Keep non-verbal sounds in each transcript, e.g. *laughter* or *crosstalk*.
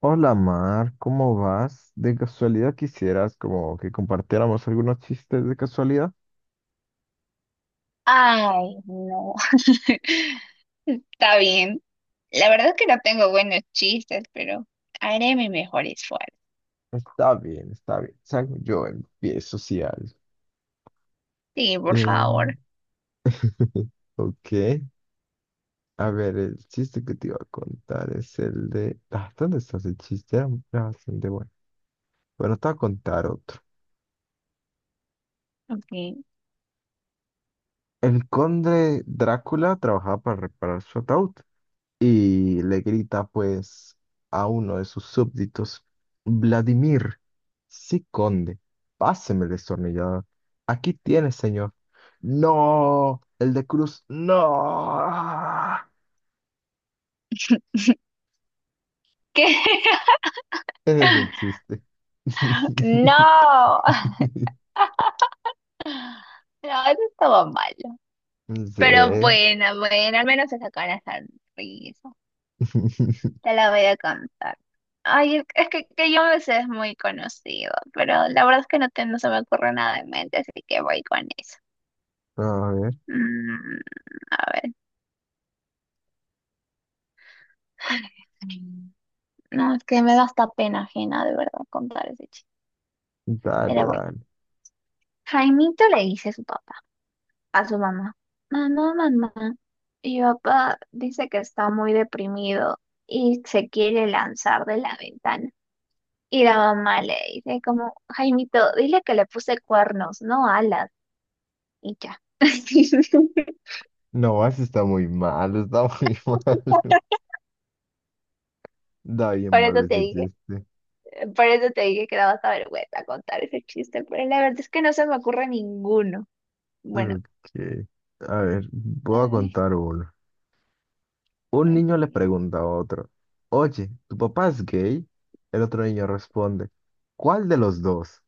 Hola Mar, ¿cómo vas? ¿De casualidad quisieras como que compartiéramos algunos chistes de casualidad? Ay, no. *laughs* Está bien. La verdad es que no tengo buenos chistes, pero haré mi mejor esfuerzo. Está bien, está bien. Salgo yo empiezo si algo. Sí, por Eh, favor. *laughs* ok. A ver, el chiste que te iba a contar es el de... Ah, ¿dónde está ese chiste? Era bastante bueno. Bueno, te voy a contar otro. Ok. El conde Drácula trabajaba para reparar su ataúd y le grita pues a uno de sus súbditos, Vladimir. Sí, conde, páseme el destornillador. Aquí tiene, señor. No, el de cruz, no. *laughs* ¿Qué? Ese es el *laughs* chiste. No. *laughs* No, eso estaba malo. Pero Sí. bueno, bueno, al menos se sacan la sonrisa. *laughs* Te la voy a cantar. Ay, es que yo me sé es muy conocido, pero la verdad es que no, no se me ocurre nada en mente, así que voy con eso. A ver, Mm, a ver. No, es que me da hasta pena ajena, de verdad, contar ese chiste. dale, Pero bueno, dale. Jaimito le dice a su papá, a su mamá, mamá, mamá, mi papá dice que está muy deprimido y se quiere lanzar de la ventana. Y la mamá le dice como, Jaimito, dile que le puse cuernos, no alas, y ya. *laughs* No, ese está muy mal, está muy *laughs* mal. Da bien Por mal eso te ese dije, chiste. por eso te dije que daba hasta vergüenza contar ese chiste, pero la verdad es que no se me ocurre ninguno. Bueno, Ok. A ver, voy a ay, contar uno. Un ay, niño le pregunta a otro, oye, ¿tu papá es gay? El otro niño responde, ¿cuál de los dos?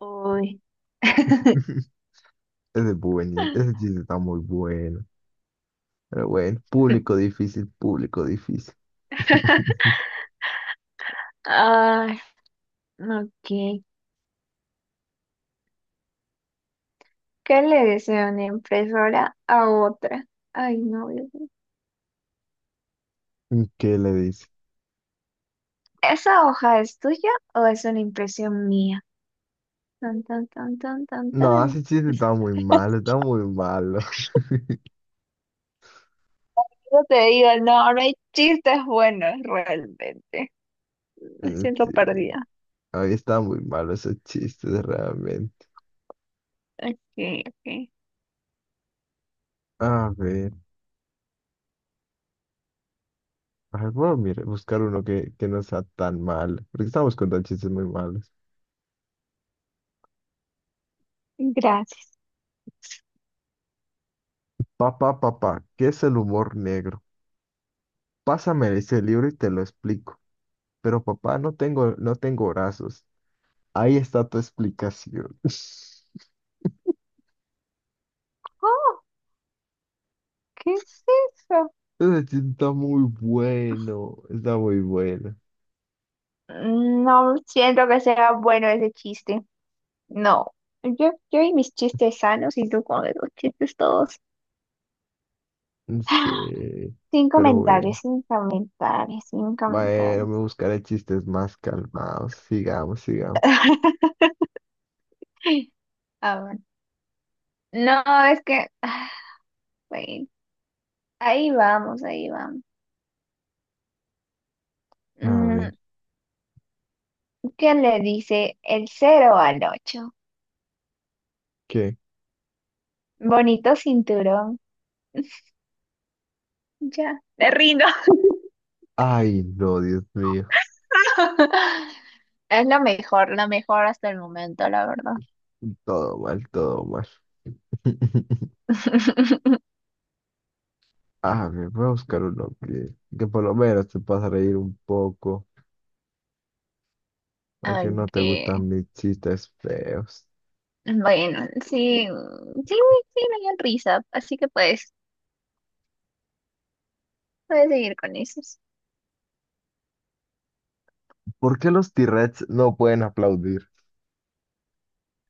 uy. *laughs* *laughs* Ese, es buen, ese chiste está muy bueno. Pero bueno, público difícil, público difícil. *laughs* Ay, ok. ¿Qué le desea una impresora a otra? Ay, no. Dios mío. ¿Qué le dice? ¿Esa hoja es tuya o es una impresión mía? Tan, tan, tan, tan, tan, No, tan. ese chiste está muy malo, está muy malo. *laughs* Yo te digo, no, ahora hay chistes buenos realmente. Me Sí, siento perdida. ahí está muy malo esos chistes realmente. Ok, ok. A ver, ay, voy a buscar uno que no sea tan malo, porque estamos contando chistes muy malos. Gracias. Papá, papá, ¿qué es el humor negro? Pásame ese libro y te lo explico. Pero papá, no tengo brazos. Ahí está tu explicación. *laughs* Oh, ¿qué es eso? Ese chiste está muy bueno, está muy bueno. No siento que sea bueno ese chiste. No, yo y mis chistes sanos y tú con los chistes todos. *gasps* *sighs* Sí, Sin pero comentarios, bueno. sin comentarios, sin Bueno, me comentarios. buscaré chistes más calmados. Sigamos, sigamos. *laughs* A ver. No, es que, bueno, ahí vamos, ahí vamos. A ver, Mm, ¿qué le dice el cero al 8? ¿qué? Bonito cinturón. Ya, me rindo. Ay, no, Dios mío. *laughs* Es lo mejor hasta el momento, la verdad. Todo mal, todo mal. *laughs* *laughs* A ver, voy a buscar uno que por lo menos te pasa a reír un poco. Porque no te Ok. gustan mis chistes feos. Bueno, sí, sí, sí me dio risa, así que puedes seguir con esos. ¿Por qué los T-Rex no pueden aplaudir?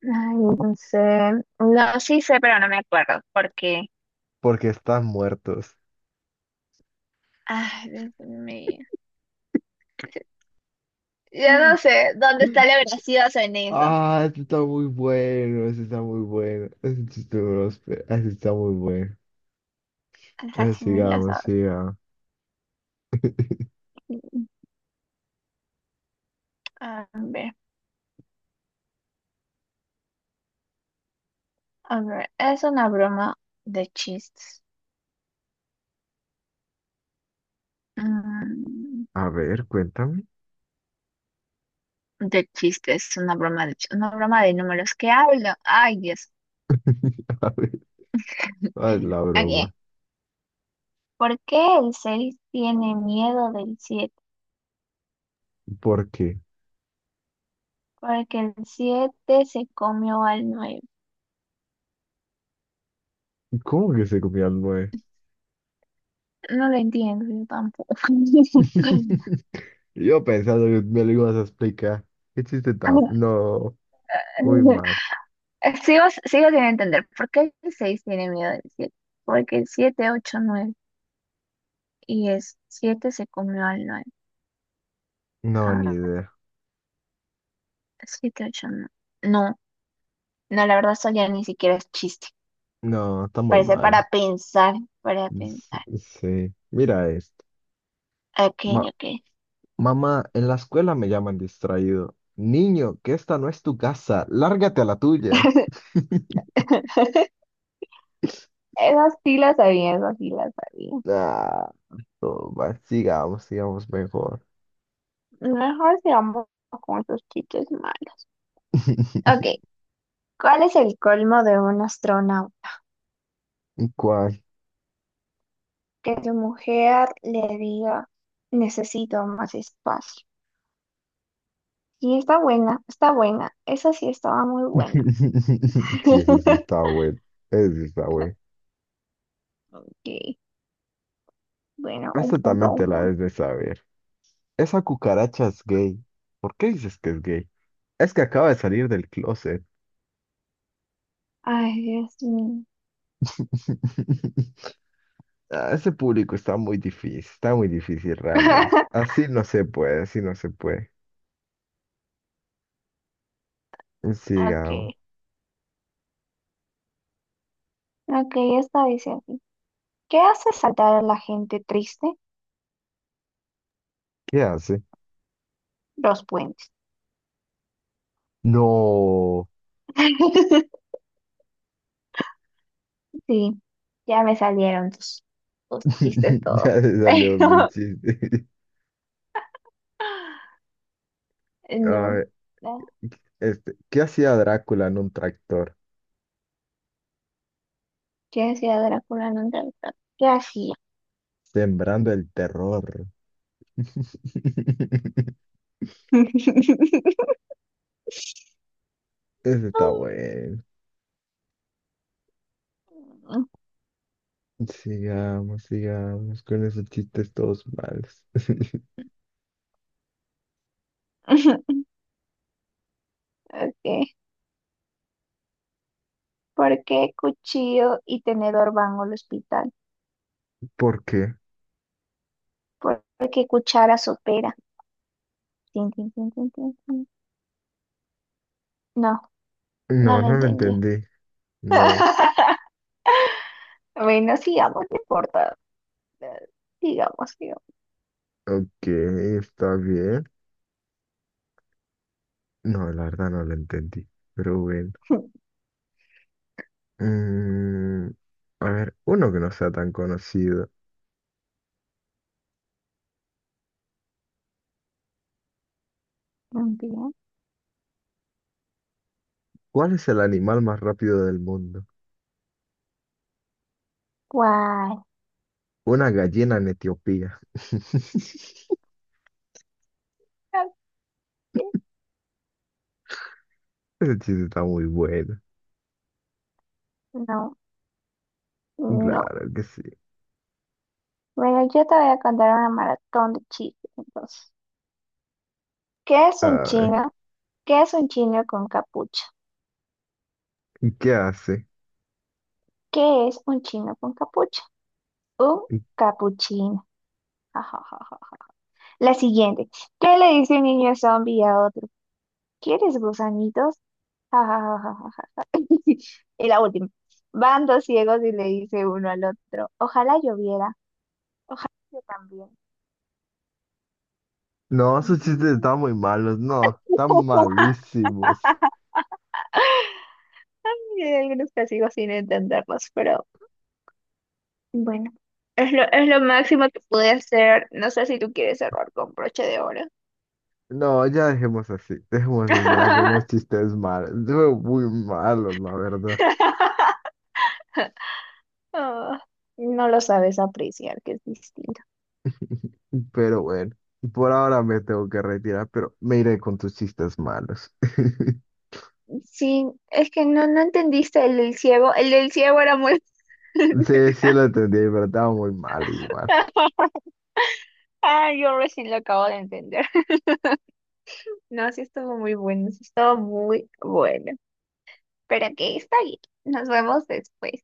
Ay, no sé, no, sí sé, pero no me acuerdo, porque, Porque están muertos. ay, Dios mío, ya no sé dónde está la *laughs* veracidad en eso. Ah, este está muy bueno, este está muy bueno. Este este está muy bueno. Así me la Sigamos, sabe. sigamos. A ver, a ver, es una broma de chistes. Mm, A ver, cuéntame. de chistes, una broma de números. ¿Qué hablo? Ay, Dios. *laughs* A ver, haz la broma. Aquí. ¿Por qué el 6 tiene miedo del siete? ¿Por qué? Porque el 7 se comió al 9. ¿Cómo que se comió al nueve? No lo entiendo yo tampoco. *laughs* *laughs* Yo pensando que me lo ibas a explicar. ¿Qué chiste tan? No, muy mal. Sigo sin entender. ¿Por qué el 6 tiene miedo del siete? Porque el 7, 8, nueve. Y el 7 se comió al 9. No, ni Ah, idea. 7, 8, 9. No, no, la verdad eso ya ni siquiera es chiste. No, está muy Parece mal. para pensar, para S- pensar. Sí, mira esto. Ok, Ma- ok. mamá, en la escuela me llaman distraído. Niño, que esta no es tu casa, lárgate a la tuya. *laughs* Esas sí las sabía, esas sí las sabía. Ah, no, va, sigamos, sigamos mejor. Mejor sigamos con esos chistes malos. *laughs* Ok, ¿cuál es el colmo de un astronauta? ¿Cuál? Que su mujer le diga, necesito más espacio. Y está buena, está buena. Esa sí estaba muy buena. *laughs* Sí, ese sí está *laughs* bueno. Ese sí está bueno. Ok, bueno, un Esta punto, también te un la punto. debes de saber. Esa cucaracha es gay. ¿Por qué dices que es gay? Es que acaba de salir del closet. Ay, Dios mío. *laughs* Ah, ese público está muy difícil realmente. *laughs* Así no se puede, así no se puede. Ok, Sigamos. ok, esta dice así. ¿Qué hace saltar a la gente triste? ¿Qué hace? Los puentes. No. *laughs* Sí, ya me salieron tus chistes *laughs* todos. Ya se salió mi *laughs* chiste. *laughs* A Pero, ver, no. este, ¿qué hacía Drácula en un tractor? ¿Qué hacía Drácula en un teatro? ¿Qué hacía? Sembrando el terror. *laughs* *laughs* Ese está bueno. Sigamos, sigamos con esos chistes todos malos. *laughs* Okay. ¿Por qué cuchillo y tenedor van al hospital? ¿Por qué? ¿Por qué cuchara sopera? Tin, tin, tin, tin, tin, tin. No, no No, lo no lo entendí. entendí. No. *laughs* Bueno, sigamos, no importa. Eh, Sigamos, sigamos. Ok, está bien. No, la verdad no lo entendí. Pero bueno. *laughs* Mm, a ver, uno que no sea tan conocido. Bien. ¿Cuál es el animal más rápido del mundo? ¿Cuál? Una gallina en Etiopía. *laughs* Ese Ok, chiste está muy bueno. no, no. Claro que sí. Bueno, yo te voy a contar una maratón de chistes, entonces. ¿Qué es un A ver, chino? ¿Qué es un chino con capucha? ¿y ¿qué hace? ¿Qué es un chino con capucha? Un capuchino. Ja, ja, ja, ja. La siguiente. ¿Qué le dice un niño zombie a otro? ¿Quieres gusanitos? Ja, ja, ja, ja, ja, ja, ja. *laughs* Y la última. Van dos ciegos y le dice uno al otro. Ojalá lloviera. Ojalá yo también. No, *laughs* esos chistes Tun, tun, están muy malos. No, están tun. malísimos. *laughs* Y hay algunos que sigo sin entenderlos, pero bueno. Es lo máximo que pude hacer. No sé si tú quieres cerrar con broche de oro. No, ya dejemos así. Dejemos ya con los *laughs* chistes malos. Son muy malos, la verdad. Ah, no lo sabes apreciar, que es distinto. Pero bueno, por ahora me tengo que retirar, pero me iré con tus chistes malos. *laughs* Sí, es que no, no entendiste el del ciego. El del ciego era muy. Sí, *laughs* sí lo entendí, pero estaba muy malo igual. Ah, yo recién lo acabo de entender. *laughs* No, sí estuvo muy bueno, sí estuvo muy bueno. Pero que está bien. Nos vemos después.